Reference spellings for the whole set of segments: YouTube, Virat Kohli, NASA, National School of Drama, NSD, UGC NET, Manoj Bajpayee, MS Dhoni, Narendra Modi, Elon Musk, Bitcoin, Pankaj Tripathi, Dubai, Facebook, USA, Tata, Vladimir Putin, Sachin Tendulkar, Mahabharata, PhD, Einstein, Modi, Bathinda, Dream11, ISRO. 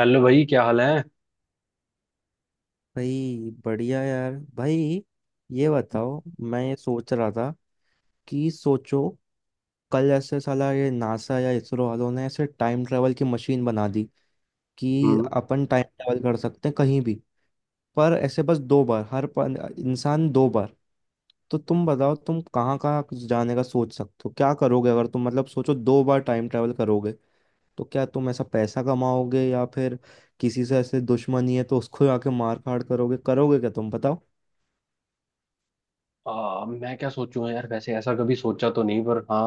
Hello भाई, क्या हाल है। भाई बढ़िया यार भाई। ये बताओ, मैं ये सोच रहा था कि सोचो, कल ऐसे साला ये नासा या इसरो वालों ने ऐसे टाइम ट्रेवल की मशीन बना दी कि हम्म। अपन टाइम ट्रेवल कर सकते हैं कहीं भी, पर ऐसे बस दो बार। इंसान दो बार। तो तुम बताओ, तुम कहाँ कहाँ जाने का सोच सकते हो, क्या करोगे अगर तुम मतलब सोचो दो बार टाइम ट्रैवल करोगे। तो क्या तुम ऐसा पैसा कमाओगे या फिर किसी से ऐसे दुश्मनी है तो उसको आके मार काट करोगे? करोगे क्या, तुम बताओ। मैं क्या सोचूं यार, वैसे ऐसा कभी सोचा तो नहीं, पर हाँ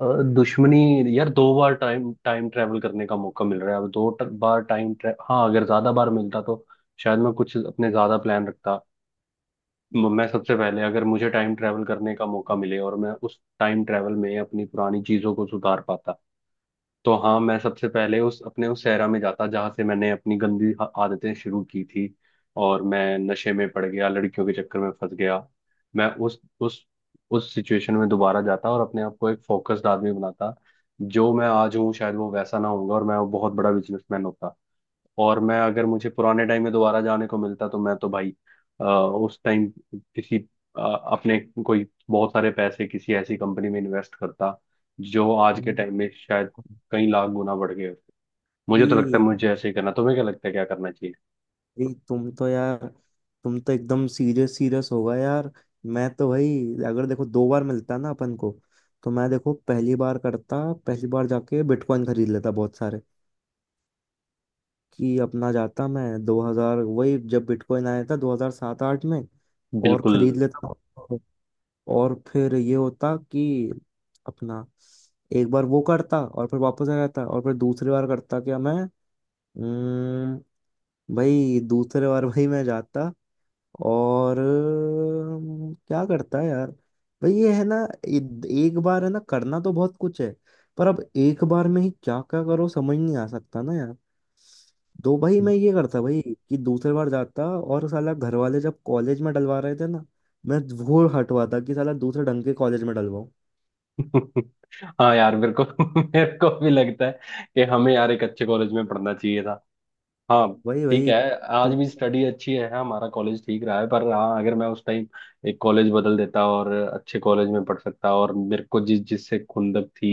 अ, दुश्मनी। यार, दो बार टाइम टाइम ट्रैवल करने का मौका मिल रहा है। अब दो बार टाइम ट्रैवल, हाँ अगर ज्यादा बार मिलता तो शायद मैं कुछ अपने ज्यादा प्लान रखता। मैं सबसे पहले, अगर मुझे टाइम ट्रैवल करने का मौका मिले और मैं उस टाइम ट्रैवल में अपनी पुरानी चीजों को सुधार पाता, तो हाँ, मैं सबसे पहले उस अपने उस सहरा में जाता जहाँ से मैंने अपनी गंदी आदतें शुरू की थी और मैं नशे में पड़ गया, लड़कियों के चक्कर में फंस गया। मैं उस सिचुएशन में दोबारा जाता और अपने आप को एक फोकस्ड आदमी बनाता, जो मैं आज हूँ शायद वो वैसा ना होऊंगा और मैं बहुत बड़ा बिजनेसमैन होता। और मैं, अगर मुझे पुराने टाइम में दोबारा जाने को मिलता तो मैं तो भाई उस टाइम किसी अ, अपने कोई बहुत सारे पैसे किसी ऐसी कंपनी में इन्वेस्ट करता जो आज के टाइम में शायद कई लाख गुना बढ़ गए होते। मुझे तो लगता है भाई मुझे ऐसे ही करना। तुम्हें क्या लगता है, क्या करना चाहिए? भाई, तुम तो यार, तुम तो एकदम सीरियस सीरियस होगा यार। मैं तो भाई, अगर देखो दो बार मिलता ना अपन को, तो मैं देखो पहली बार करता। पहली बार जाके बिटकॉइन खरीद लेता बहुत सारे। कि अपना जाता मैं 2000, वही जब बिटकॉइन आया था 2007 आठ में, और बिल्कुल। खरीद लेता। और फिर ये होता कि अपना एक बार वो करता और फिर वापस आ जाता और फिर दूसरी बार करता क्या मैं। अम्म, भाई दूसरे बार भाई मैं जाता और क्या करता है यार। भाई ये है ना, इ- एक बार है ना, करना तो बहुत कुछ है, पर अब एक बार में ही क्या क्या करो समझ नहीं आ सकता ना यार। तो भाई मैं ये करता भाई, कि दूसरी बार जाता और साला घर वाले जब कॉलेज में डलवा रहे थे ना, मैं वो हटवाता, कि साला दूसरे ढंग के कॉलेज में डलवाऊं। हाँ यार, मेरे को मेरे को भी लगता है कि हमें यार एक अच्छे कॉलेज में पढ़ना चाहिए था। हाँ, भाई ठीक है। भाई। आज भी स्टडी अच्छी है, हाँ, हमारा कॉलेज ठीक रहा है, पर हाँ अगर मैं उस टाइम एक कॉलेज बदल देता और अच्छे कॉलेज में पढ़ सकता। और मेरे को जिससे खुंदक थी,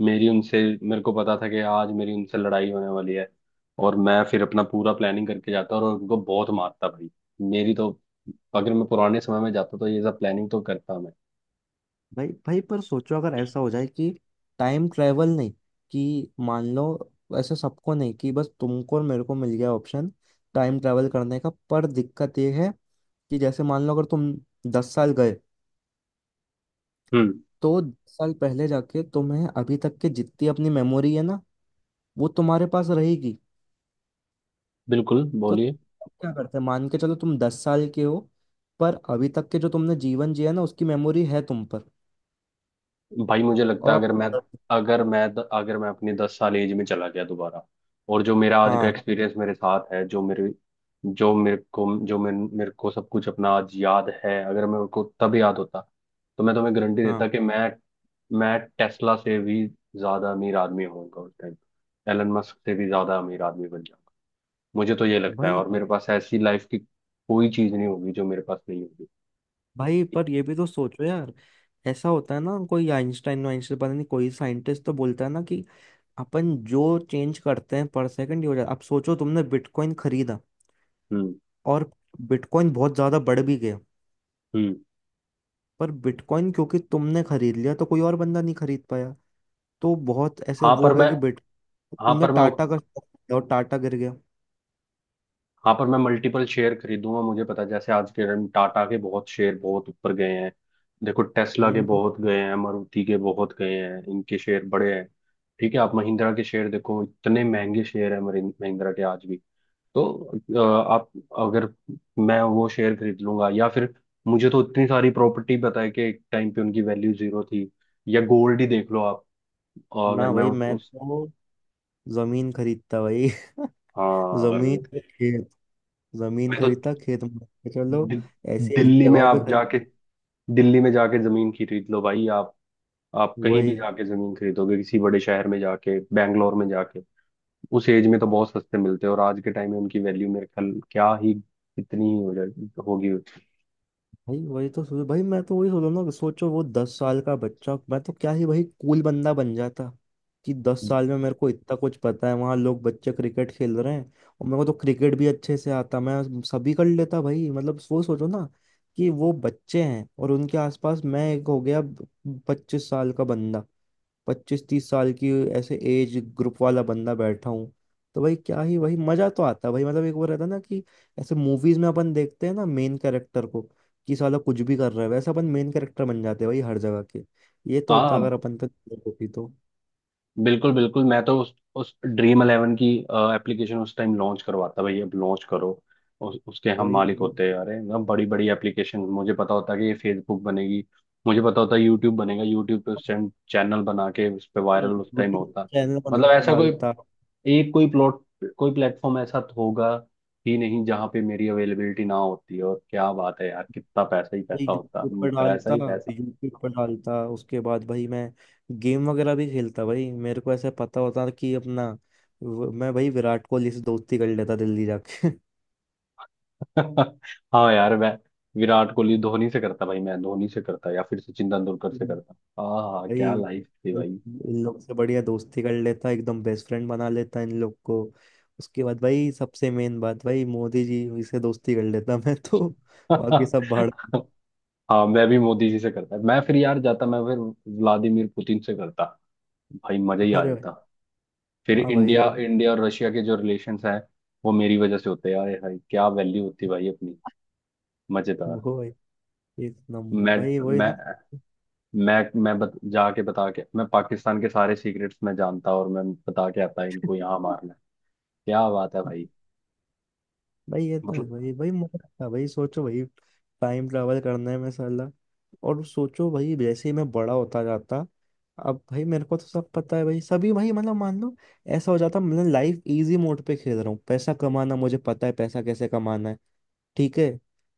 मेरी उनसे, मेरे को पता था कि आज मेरी उनसे लड़ाई होने वाली है, और मैं फिर अपना पूरा प्लानिंग करके जाता और उनको बहुत मारता भाई। मेरी तो, अगर मैं पुराने समय में जाता तो ये सब प्लानिंग तो करता मैं। भाई भाई, पर सोचो अगर ऐसा हो जाए कि टाइम ट्रेवल नहीं, कि मान लो ऐसा सबको नहीं, कि बस तुमको और मेरे को मिल गया ऑप्शन टाइम ट्रेवल करने का, पर दिक्कत ये है कि जैसे मान लो अगर तुम दस साल गए, हम्म, तो दस साल पहले जाके तुम्हें अभी तक के जितनी अपनी मेमोरी है ना, वो तुम्हारे पास रहेगी। बिल्कुल, तो बोलिए। अब क्या करते हैं, मान के चलो तुम दस साल के हो, पर अभी तक के जो तुमने जीवन जिया ना उसकी मेमोरी है तुम पर। भाई मुझे लगता और है अब, अगर मैं अगर मैं अपनी 10 साल एज में चला गया दोबारा, और जो मेरा आज का हाँ, एक्सपीरियंस मेरे साथ है, जो मेरे को जो मेरे, मेरे को सब कुछ अपना आज याद है। अगर मेरे को तब याद होता तो मैं तुम्हें गारंटी हाँ। देता कि मैं टेस्ला से भी ज्यादा अमीर आदमी होऊंगा उस टाइम। एलन मस्क से भी ज्यादा अमीर आदमी बन जाऊंगा। मुझे तो ये लगता है, भाई और मेरे पास ऐसी लाइफ की कोई चीज नहीं होगी जो मेरे पास नहीं होगी। भाई, पर ये भी तो सोचो यार। ऐसा होता है ना, कोई आइंस्टाइन वाइंस्टाइन पता नहीं, कोई साइंटिस्ट तो बोलता है ना कि अपन जो चेंज करते हैं पर सेकंड हो जाता। अब सोचो तुमने बिटकॉइन खरीदा हम्म। और बिटकॉइन बहुत ज्यादा बढ़ भी गया, हम्म। पर बिटकॉइन क्योंकि तुमने खरीद लिया तो कोई और बंदा नहीं खरीद पाया। तो बहुत ऐसे हाँ वो पर हो गया मैं कि बिट, हाँ तुमने पर मैं टाटा उत- का stock खरीदा और टाटा गिर गया। हाँ पर मैं मल्टीपल शेयर खरीदूंगा, मुझे पता है, जैसे आज के दिन टाटा के बहुत शेयर बहुत ऊपर गए हैं। देखो टेस्ला के हम्म। बहुत गए हैं, मारुति के बहुत गए हैं, इनके शेयर बड़े हैं। ठीक है, आप महिंद्रा के शेयर देखो, इतने महंगे शेयर है महिंद्रा के आज भी। तो अ, आप, अगर मैं वो शेयर खरीद लूंगा, या फिर मुझे तो इतनी सारी प्रॉपर्टी पता है कि एक टाइम पे उनकी वैल्यू जीरो थी, या गोल्ड ही देख लो आप। अगर ना मैं भाई, मैं तो जमीन खरीदता भाई हाँ जमीन पे खेत, जमीन मैं तो खरीदता खेत में रखता। चलो, दि- ऐसी ऐसी दिल्ली में जगहों पे आप खरीद। जाके दिल्ली में जाके जमीन खरीद लो भाई आप। आप कहीं भी वही जाके जमीन खरीदोगे, किसी बड़े शहर में जाके, बैंगलोर में जाके, उस एज में तो बहुत सस्ते मिलते हैं और आज के टाइम में उनकी वैल्यू मेरे ख्याल क्या ही कितनी ही हो जाएगी, होगी। भाई, वही तो सोच भाई, मैं तो वही सोच रहा हूँ ना। सोचो वो दस साल का बच्चा, मैं तो क्या ही भाई कूल बंदा बन जाता। कि दस साल में मेरे को इतना कुछ पता है, वहां लोग बच्चे क्रिकेट खेल रहे हैं और मेरे को तो क्रिकेट भी अच्छे से आता, मैं सभी कर लेता भाई। मतलब वो सोचो ना, कि वो बच्चे हैं और उनके आसपास मैं एक हो गया पच्चीस साल का बंदा, पच्चीस तीस साल की ऐसे एज ग्रुप वाला बंदा बैठा हूँ। तो भाई क्या ही, वही मजा तो आता है भाई। मतलब एक वो रहता है ना कि ऐसे मूवीज में अपन देखते हैं ना मेन कैरेक्टर को, कि साला कुछ भी कर रहा है, वैसे अपन मेन कैरेक्टर बन जाते हैं भाई हर जगह के। ये तो होता हाँ, अगर अपन पे नजर होती तो। बिल्कुल बिल्कुल। मैं तो उस ड्रीम 11 की एप्लीकेशन उस टाइम लॉन्च करवाता भाई, अब लॉन्च करो। उसके हम वही मालिक वही। होते हैं। अरे ना, बड़ी बड़ी एप्लीकेशन, मुझे पता होता कि ये फेसबुक बनेगी, मुझे पता होता यूट्यूब बनेगा, यूट्यूब पे उस टाइम चैनल बना के उस पे वायरल उस यूट्यूब टाइम होता। चैनल बना मतलब के ऐसा कोई डालता एक, कोई प्लॉट, कोई प्लेटफॉर्म ऐसा तो होगा ही नहीं जहाँ पे मेरी अवेलेबिलिटी ना होती। और क्या बात है यार, कितना पैसा ही भाई, पैसा होता, यूट्यूब पर पैसा डालता। ही पैसा। यूट्यूब पर डालता, उसके बाद भाई मैं गेम वगैरह भी खेलता भाई। मेरे को ऐसा पता होता कि अपना, मैं भाई विराट कोहली से दोस्ती कर लेता दिल्ली जाके हाँ यार, मैं विराट कोहली धोनी से करता भाई, मैं धोनी से करता या फिर सचिन तेंदुलकर से हम्म। करता। हाँ भाई क्या लाइफ थी भाई। इन लोग से बढ़िया दोस्ती कर लेता, एकदम बेस्ट फ्रेंड बना लेता इन लोग को। उसके बाद भाई सबसे मेन बात, भाई मोदी जी से दोस्ती कर लेता मैं तो बाकी सब भाड़। हाँ, मैं भी मोदी जी से करता। मैं फिर यार जाता, मैं फिर व्लादिमीर पुतिन से करता। भाई मजा ही आ अरे भाई, जाता। फिर हाँ भाई। इंडिया इंडिया और रशिया के जो रिलेशंस हैं, वो मेरी वजह से होते हैं यार भाई, क्या वैल्यू होती भाई अपनी, वो मजेदार। भाई, एक नंबर मैं भाई। वही मैं ना। मैं जाके बता के, मैं पाकिस्तान के सारे सीक्रेट्स मैं जानता और मैं बता के आता, इनको यहाँ मारना है। क्या बात है भाई, भाई ये तो है मतलब। भाई। भाई मजा आता है भाई, सोचो भाई, टाइम ट्रैवल करना है। मैं साला, और सोचो भाई जैसे ही मैं बड़ा होता जाता, अब भाई मेरे को तो सब पता है भाई, सभी भाई। मतलब मान लो ऐसा हो जाता, मतलब लाइफ इजी मोड पे खेल रहा हूँ। पैसा कमाना मुझे पता है, पैसा कैसे कमाना है, ठीक है।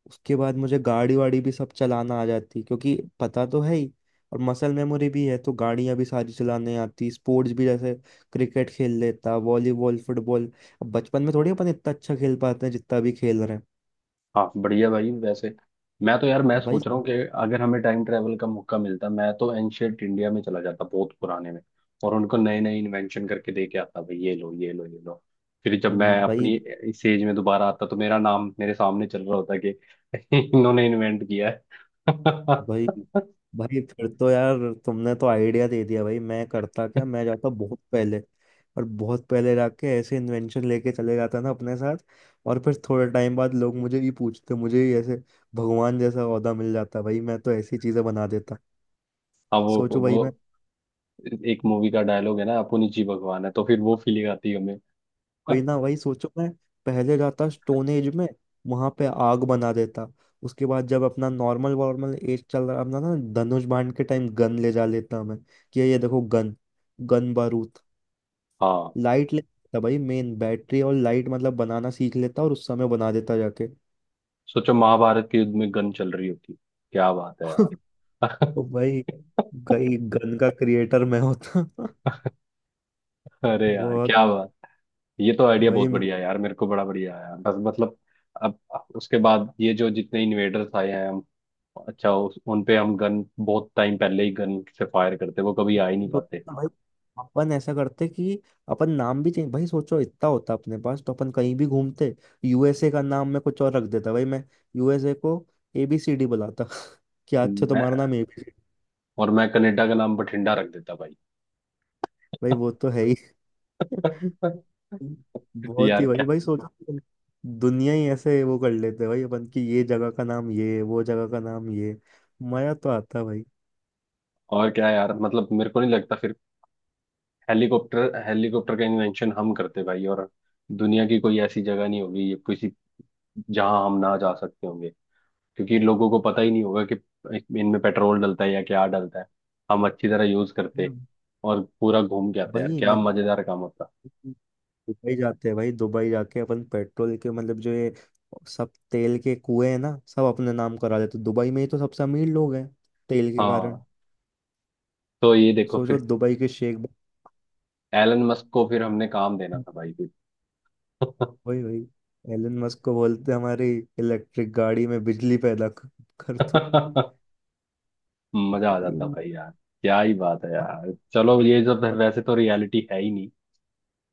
उसके बाद मुझे गाड़ी वाड़ी भी सब चलाना आ जाती क्योंकि पता तो है ही, और मसल मेमोरी भी है तो गाड़ियां भी सारी चलाने आती। स्पोर्ट्स भी जैसे क्रिकेट खेल लेता, वॉलीबॉल, फुटबॉल। अब बचपन में थोड़ी अपन इतना अच्छा खेल पाते हैं जितना भी खेल रहे हाँ बढ़िया भाई, वैसे मैं तो यार मैं हैं भाई। सोच रहा हूँ कि अगर हमें टाइम ट्रेवल का मौका मिलता, मैं तो एंशियंट इंडिया में चला जाता, बहुत पुराने में, और उनको नए नए इन्वेंशन करके दे के आता भाई, ये लो ये लो ये लो। फिर जब मैं भाई अपनी इस एज में दोबारा आता तो मेरा नाम मेरे सामने चल रहा होता कि इन्होंने इन्वेंट किया है। भाई हाँ। भाई, फिर तो यार तुमने तो आइडिया दे दिया भाई। मैं करता क्या, मैं जाता बहुत पहले, और बहुत पहले जाके ऐसे इन्वेंशन लेके चले जाता ना अपने साथ। और फिर थोड़े टाइम बाद लोग मुझे ये पूछते, मुझे ही ऐसे भगवान जैसा ओहदा मिल जाता भाई। मैं तो ऐसी चीजें बना देता, वो सोचो वो भाई। मैं, एक मूवी का डायलॉग है ना, अपुन ही जी भगवान है, तो फिर वो फीलिंग आती है हमें। वही ना, वही सोचो। मैं पहले जाता स्टोन एज में, वहां पे आग बना देता। उसके बाद जब अपना नॉर्मल वॉर्मल एज चल रहा अपना ना, धनुष बाण के टाइम गन ले जा लेता मैं। कि ये देखो गन, गन बारूद हाँ, लाइट ले, था भाई मेन बैटरी और लाइट मतलब बनाना सीख लेता और उस समय बना देता जाके सोचो महाभारत के युद्ध में गन चल रही होती। क्या बात है तो यार। भाई, गई गन का क्रिएटर मैं होता अरे यार बहुत क्या बात, ये तो आइडिया भाई, बहुत मैं बढ़िया है यार, मेरे को बड़ा बढ़िया आया, बस मतलब। अब उसके बाद ये जो जितने इन्वेडर्स आए हैं, हम, अच्छा, उन पे हम गन बहुत टाइम पहले ही गन से फायर करते, वो कभी आ ही नहीं पाते। सोचता भाई, अपन ऐसा करते कि अपन नाम भी चेंज। भाई सोचो, इतना होता अपने पास तो अपन कहीं भी घूमते। यूएसए का नाम मैं कुछ और रख देता भाई। मैं यूएसए को एबीसीडी बुलाता क्या अच्छा मैं तुम्हारा नाम एबीसीडी। और मैं कनाडा का नाम बठिंडा रख देता भाई। भाई वो तो है ही, बहुत यार ही भाई। क्या, भाई सोचो कि दुनिया ही ऐसे वो कर लेते हैं भाई अपन की, ये जगह का नाम ये, वो जगह का नाम ये। मजा तो आता है भाई। और क्या यार, मतलब मेरे को नहीं लगता फिर हेलीकॉप्टर हेलीकॉप्टर का इन्वेंशन हम करते भाई, और दुनिया की कोई ऐसी जगह नहीं होगी, ये किसी, जहां हम ना जा सकते होंगे, क्योंकि लोगों को पता ही नहीं होगा कि इनमें पेट्रोल डलता है या क्या डलता है। हम अच्छी तरह यूज करते। हम्म। और पूरा घूम के आते, यार भाई क्या मैं मजेदार काम होता। दुबई जाते हैं भाई। दुबई जाके अपन पेट्रोल के मतलब जो ये सब तेल के कुएं हैं ना सब अपने नाम करा देते। दुबई में ही तो सबसे अमीर लोग हैं तेल के कारण। हाँ, तो ये देखो सोचो फिर, दुबई के शेख, एलन मस्क को फिर हमने काम देना भाई था भाई, फिर। भाई। भाई एलन मस्क को बोलते हैं, हमारी इलेक्ट्रिक गाड़ी में बिजली पैदा कर कर तू। मजा आ जाता भाई यार। क्या ही बात है भाई यार, चलो, ये सब वैसे तो रियलिटी है ही नहीं।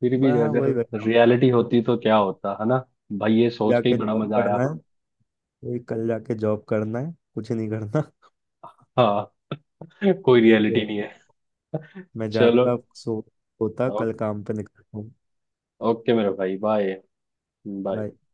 फिर बस, भी हाँ अगर वही भाई, रियलिटी होती तो क्या होता है ना। भाई ये सोच के ही जाके बड़ा जॉब मजा आया। करना है। वही कल जाके जॉब करना है, कुछ नहीं करना हाँ। कोई ठीक है, रियलिटी नहीं है। मैं चलो। जाता, सो होता, ओ, कल काम पे निकलता हूँ। ओके मेरे भाई, बाय। बाय। Bye.